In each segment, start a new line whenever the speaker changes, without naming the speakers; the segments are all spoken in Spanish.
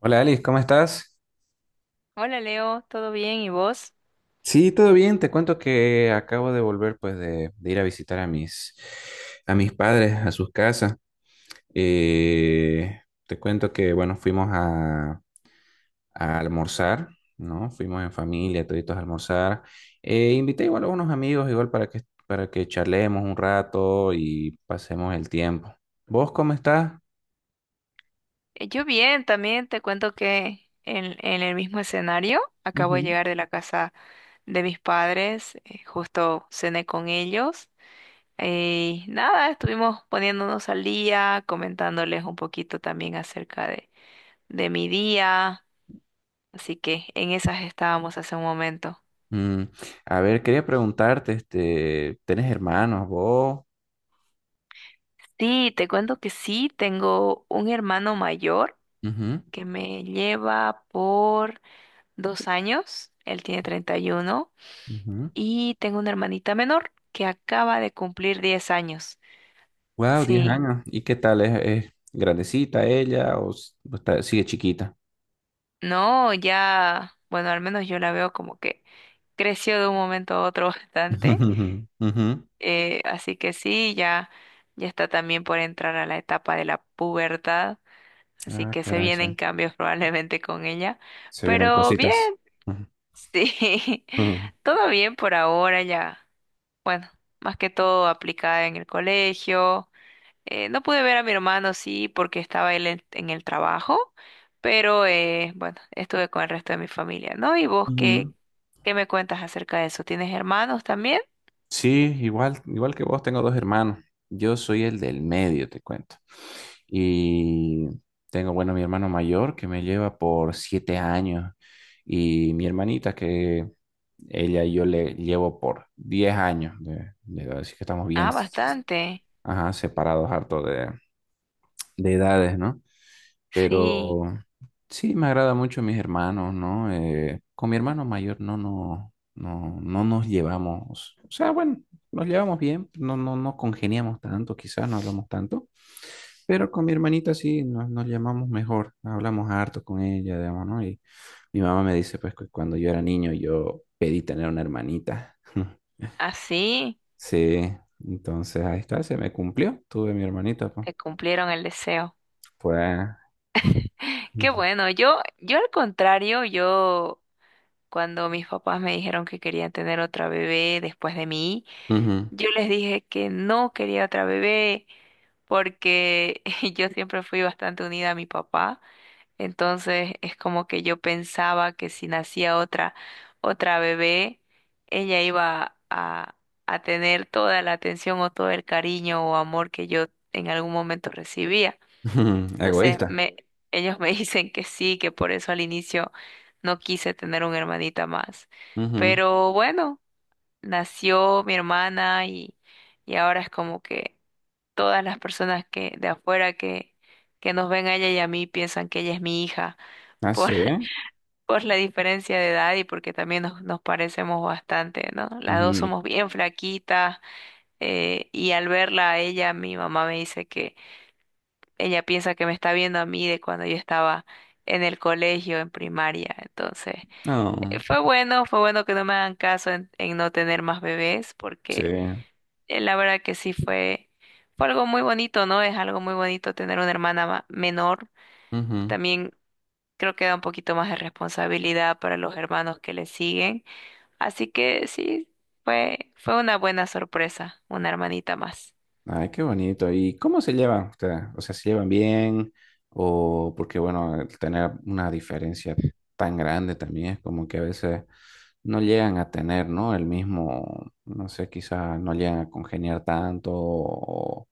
Hola Alice, ¿cómo estás?
Hola Leo, ¿todo bien? ¿Y vos?
Sí, todo bien. Te cuento que acabo de volver pues de ir a visitar a a mis padres, a sus casas. Eh, te cuento que bueno, a almorzar, ¿no? Fuimos en familia, toditos a almorzar. Invité igual a unos amigos igual para que charlemos un rato y pasemos el tiempo. ¿Vos cómo estás?
Yo bien, también te cuento que en el mismo escenario acabo de
Ujú.
llegar de la casa de mis padres. Justo cené con ellos y nada, estuvimos poniéndonos al día, comentándoles un poquito también de mi día, así que en esas estábamos hace un momento.
Mm, a ver, quería preguntarte, ¿tenés hermanos vos?
Sí, te cuento que sí, tengo un hermano mayor
Ujú,
que me lleva por 2 años, él tiene 31.
ujú.
Y tengo una hermanita menor que acaba de cumplir 10 años.
Wow, 10
Sí,
años. ¿Y qué tal? Es grandecita ella o sigue chiquita?
no, ya, bueno, al menos yo la veo como que creció de un momento a otro bastante.
Ujú. Ujú.
Así que sí, ya está también por entrar a la etapa de la pubertad. Así
Ah,
que se
caray, sí.
vienen cambios probablemente con ella.
Se vienen
Pero bien,
cositas. Ujú.
sí,
Ujú.
todo bien por ahora ya. Bueno, más que todo aplicada en el colegio. No pude ver a mi hermano, sí, porque estaba él en el trabajo, pero bueno, estuve con el resto de mi familia, ¿no? ¿Y vos
Ujú.
qué me cuentas acerca de eso? ¿Tienes hermanos también?
Sí, igual, igual que vos, tengo dos hermanos. Yo soy el del medio, te cuento. Y tengo, bueno, mi hermano mayor que me lleva por 7 años y mi hermanita que ella y yo le llevo por 10 años de edad, así que estamos bien.
Ah, bastante.
Ajá, separados harto de edades, ¿no?
Sí,
Pero sí, me agrada mucho mis hermanos, ¿no? Con mi hermano mayor no nos llevamos, o sea, bueno, nos llevamos bien, no congeniamos tanto, quizás no hablamos tanto, pero con mi hermanita sí nos llamamos mejor, hablamos harto con ella, digamos, ¿no? Y mi mamá me dice, pues, que cuando yo era niño yo pedí tener una hermanita.
así
Sí, entonces ahí está, se me cumplió, tuve mi hermanita, pues.
te cumplieron el deseo.
Fue
Qué bueno, yo al contrario, yo cuando mis papás me dijeron que querían tener otra bebé después de mí,
Ujú.
yo les dije que no quería otra bebé porque yo siempre fui bastante unida a mi papá. Entonces es como que yo pensaba que si nacía otra bebé, ella iba a tener toda la atención o todo el cariño o amor que yo en algún momento recibía.
Ujú.
Entonces
Egoísta.
me, Ellos me dicen que sí, que por eso al inicio no quise tener una hermanita más.
Ujú.
Pero bueno, nació mi hermana y ahora es como que todas las personas que de afuera que nos ven a ella y a mí piensan que ella es mi hija.
Ah,
por
sí.
por la diferencia de edad y porque también nos parecemos bastante, ¿no? Las dos
Ujú.
somos bien flaquitas. Y al verla a ella, mi mamá me dice que ella piensa que me está viendo a mí de cuando yo estaba en el colegio, en primaria. Entonces,
No.
fue bueno que no me hagan caso en no tener más bebés
Sí.
porque la verdad que sí fue algo muy bonito, ¿no? Es algo muy bonito tener una hermana menor.
Ujú.
También creo que da un poquito más de responsabilidad para los hermanos que le siguen. Así que sí, fue una buena sorpresa, una hermanita más.
Ay, qué bonito. ¿Y cómo se llevan ustedes? O sea, ¿se llevan bien? O porque, bueno, el tener una diferencia tan grande también es como que a veces no llegan a tener, ¿no? El mismo, no sé, quizás no llegan a congeniar tanto. O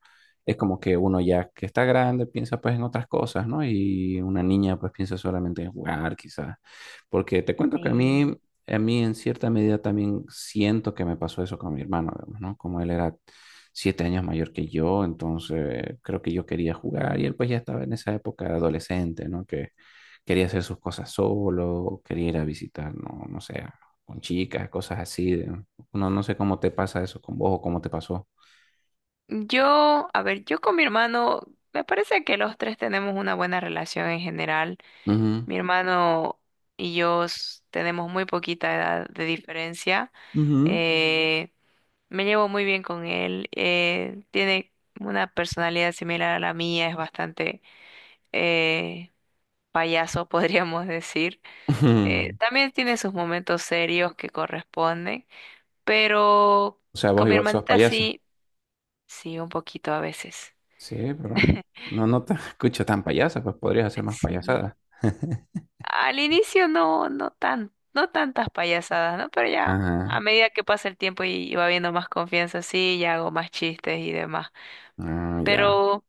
es como que uno ya que está grande piensa pues en otras cosas, ¿no? Y una niña pues piensa solamente en jugar, quizás. Porque te cuento que
Sí.
a mí en cierta medida también siento que me pasó eso con mi hermano, digamos, ¿no? Como él era 7 años mayor que yo, entonces creo que yo quería jugar y él pues ya estaba en esa época de adolescente, ¿no? Que quería hacer sus cosas solo, quería ir a visitar, no sé, con chicas, cosas así. Uno no sé cómo te pasa eso con vos o cómo te pasó.
Yo me parece que los tres tenemos una buena relación en general.
Ujú,
Mi hermano y yo tenemos muy poquita edad de diferencia.
ujú,
Eh, Me llevo muy bien con él. Tiene una personalidad similar a la mía, es bastante eh, payaso, podríamos decir.
ujú.
También tiene sus momentos serios que corresponden. Pero
O sea,
con
vos
mi
igual sos
hermanita
payasa.
sí, sí, un poquito a veces.
Sí, pero no, no te escucho tan payasa, pues podrías hacer más
Sí.
payasada.
Al inicio no, no tantas payasadas, ¿no? Pero ya a
Ajá.
medida que pasa el tiempo y va habiendo más confianza, sí, ya hago más chistes y demás.
Ah, ya.
Pero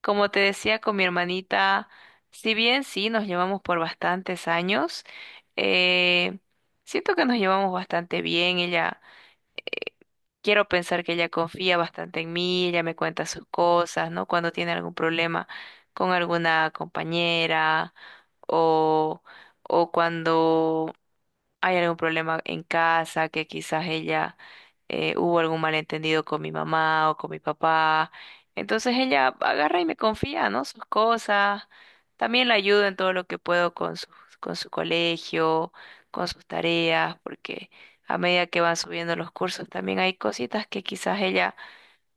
como te decía con mi hermanita, si bien sí nos llevamos por bastantes años, eh, siento que nos llevamos bastante bien. Ella Quiero pensar que ella confía bastante en mí, ella me cuenta sus cosas, ¿no? Cuando tiene algún problema con alguna compañera o, o cuando hay algún problema en casa, que quizás ella hubo algún malentendido con mi mamá o con mi papá. Entonces ella agarra y me confía, ¿no? Sus cosas. También la ayudo en todo lo que puedo con su colegio, con sus tareas, porque a medida que van subiendo los cursos, también hay cositas que quizás ella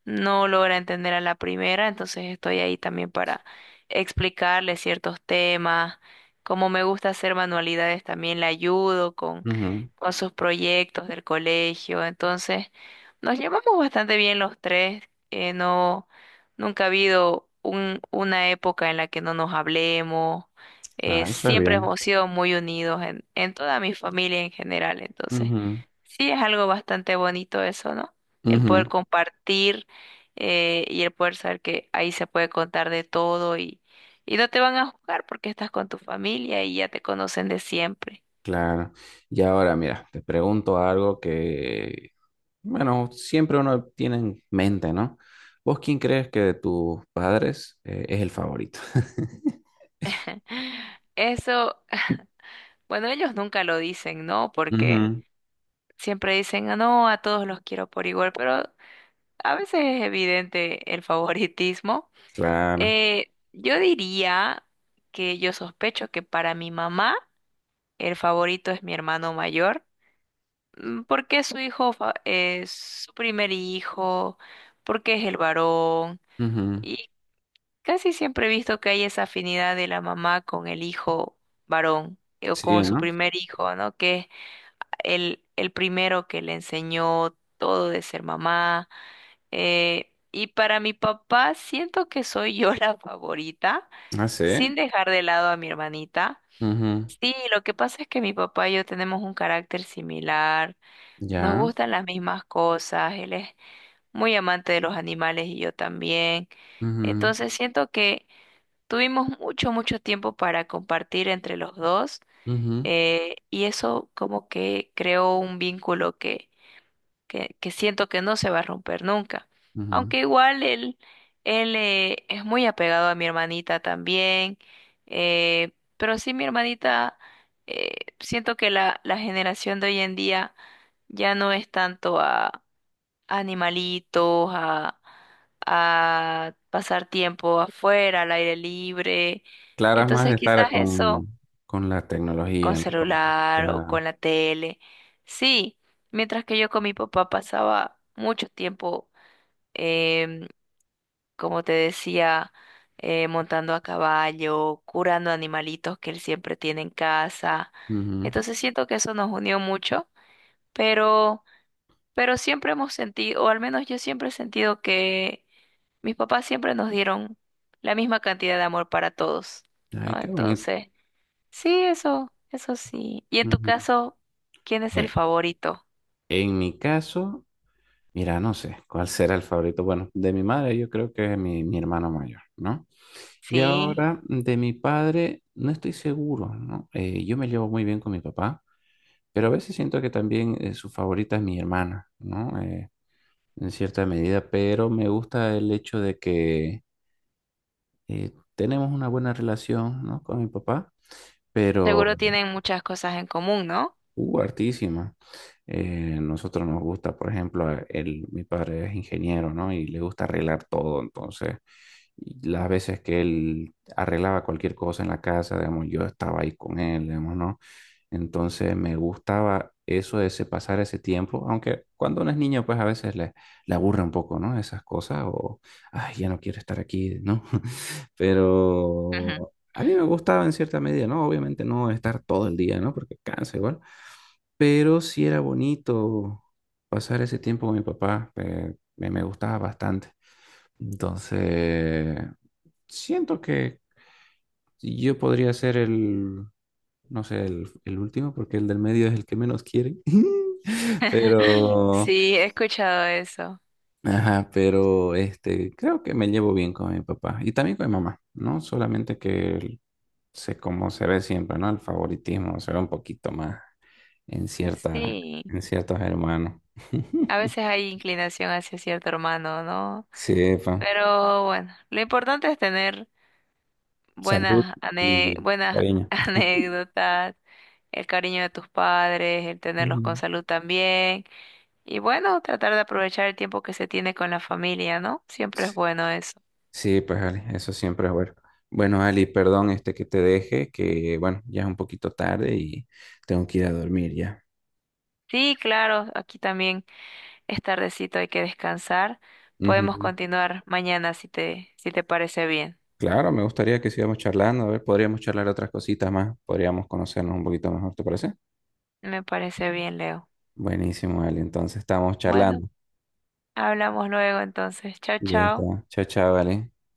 no logra entender a la primera, entonces estoy ahí también para explicarle ciertos temas. Como me gusta hacer manualidades, también la ayudo
Ujú.
con sus proyectos del colegio. Entonces, nos llevamos bastante bien los tres. eh, no, Nunca ha habido una época en la que no nos hablemos.
Ah, eso es
Siempre
bien.
hemos sido muy unidos en toda mi familia en general. Entonces,
Ujú,
sí, es algo bastante bonito eso, ¿no? El
ujú.
poder compartir y el poder saber que ahí se puede contar de todo y no te van a juzgar porque estás con tu familia y ya te conocen de siempre.
Claro. Y ahora, mira, te pregunto algo que, bueno, siempre uno tiene en mente, ¿no? ¿Vos quién crees que de tus padres es el favorito?
Eso, bueno, ellos nunca lo dicen, ¿no? Porque
Ujú.
siempre dicen, "Ah, no, a todos los quiero por igual", pero a veces es evidente el favoritismo.
Claro.
Eh, yo diría yo sospecho que para mi mamá el favorito es mi hermano mayor. Mm, ¿por qué su hijo es su primer hijo? ¿Por qué es el varón?
Ujú.
Y casi siempre he visto que hay esa afinidad de la mamá con el hijo varón, o
Sí,
con su
¿no?
primer hijo, ¿no? Que es el primero que le enseñó todo de ser mamá. Y para mi papá siento que soy yo la favorita,
Ah, sí.
sin dejar de lado a mi hermanita.
Ujú.
Sí, lo que pasa es que mi papá y yo tenemos un carácter similar. Nos
Ya.
gustan las mismas cosas, él es muy amante de los animales y yo también.
Ujú,
Entonces siento que tuvimos mucho tiempo para compartir entre los dos,
ujú,
y eso como que creó un vínculo que siento que no se va a romper nunca.
ujú.
Aunque él es muy apegado a mi hermanita también, pero sí, eh, siento que la generación de hoy en día ya no es tanto a animalitos, a pasar tiempo afuera, al aire libre.
Claro, es más
Entonces
de
quizás eso
con la
con
tecnología, ¿no? Con-
celular o
ya.
con la tele. Sí, mientras que yo con mi papá pasaba mucho tiempo, em, como te decía, montando a caballo, curando animalitos que él siempre tiene en casa.
Ujú.
Entonces siento que eso nos unió mucho, pero, pero siempre hemos sentido, o al menos yo siempre he sentido que mis papás siempre nos dieron la misma cantidad de amor para todos,
Ay,
¿no?
qué bonito.
Entonces, sí, eso sí. Y en tu
Ujú.
caso, ¿quién es el
Eh,
favorito?
En mi caso, mira, no sé cuál será el favorito. Bueno, de mi madre yo creo que es mi hermano mayor, ¿no? Y
Sí,
ahora de mi padre no estoy seguro, ¿no? Yo me llevo muy bien con mi papá, pero a veces siento que también su favorita es mi hermana, ¿no? En cierta medida, pero me gusta el hecho de que eh, tenemos una buena relación, ¿no? Con mi papá, pero
seguro tienen muchas cosas en común, ¿no?
uh, hartísima. Nosotros nos gusta, por ejemplo, el, mi padre es ingeniero, ¿no? Y le gusta arreglar todo, entonces, y las veces que él arreglaba cualquier cosa en la casa, digamos, yo estaba ahí con él, digamos, ¿no? Entonces, me gustaba eso de pasar ese tiempo, aunque cuando uno es niño, pues a veces le aburre un poco, ¿no? Esas cosas, o, ay, ya no quiero estar aquí, ¿no?
Ujú.
Pero a mí me gustaba en cierta medida, ¿no? Obviamente no estar todo el día, ¿no? Porque cansa igual, pero sí era bonito pasar ese tiempo con mi papá, me gustaba bastante. Entonces, siento que yo podría ser no sé, el último, porque el del medio es el que menos quiere. Pero,
Sí, he escuchado eso.
ajá, pero este, creo que me llevo bien con mi papá y también con mi mamá, ¿no? Solamente que sé cómo se ve siempre, ¿no? El favoritismo se ve un poquito más en cierta,
Sí,
en ciertos hermanos.
a veces hay inclinación hacia cierto hermano, ¿no?
Sí, pa.
Pero bueno, lo importante es tener
Salud y
Buenas
cariño.
anécdotas, el cariño de tus padres, el tenerlos con
Ujú.
salud también. Y bueno, tratar de aprovechar el tiempo que se tiene con la familia, ¿no? Siempre es
Sí,
bueno eso.
sí, pues Ali, eso siempre es bueno. Bueno, Ali, perdón este que te deje, que bueno, ya es un poquito tarde y tengo que ir a dormir ya.
Sí, claro, aquí también es tardecito, hay que descansar. Podemos
Ujú.
continuar mañana si te parece bien.
Claro, me gustaría que sigamos charlando, a ver, podríamos charlar otras cositas más, podríamos conocernos un poquito mejor, ¿te parece?
Me parece bien, Leo.
Buenísimo, Ali, entonces estamos
Bueno,
charlando.
hablamos luego entonces. Chao,
Ya
chao.
está. Chao, chao, Ali.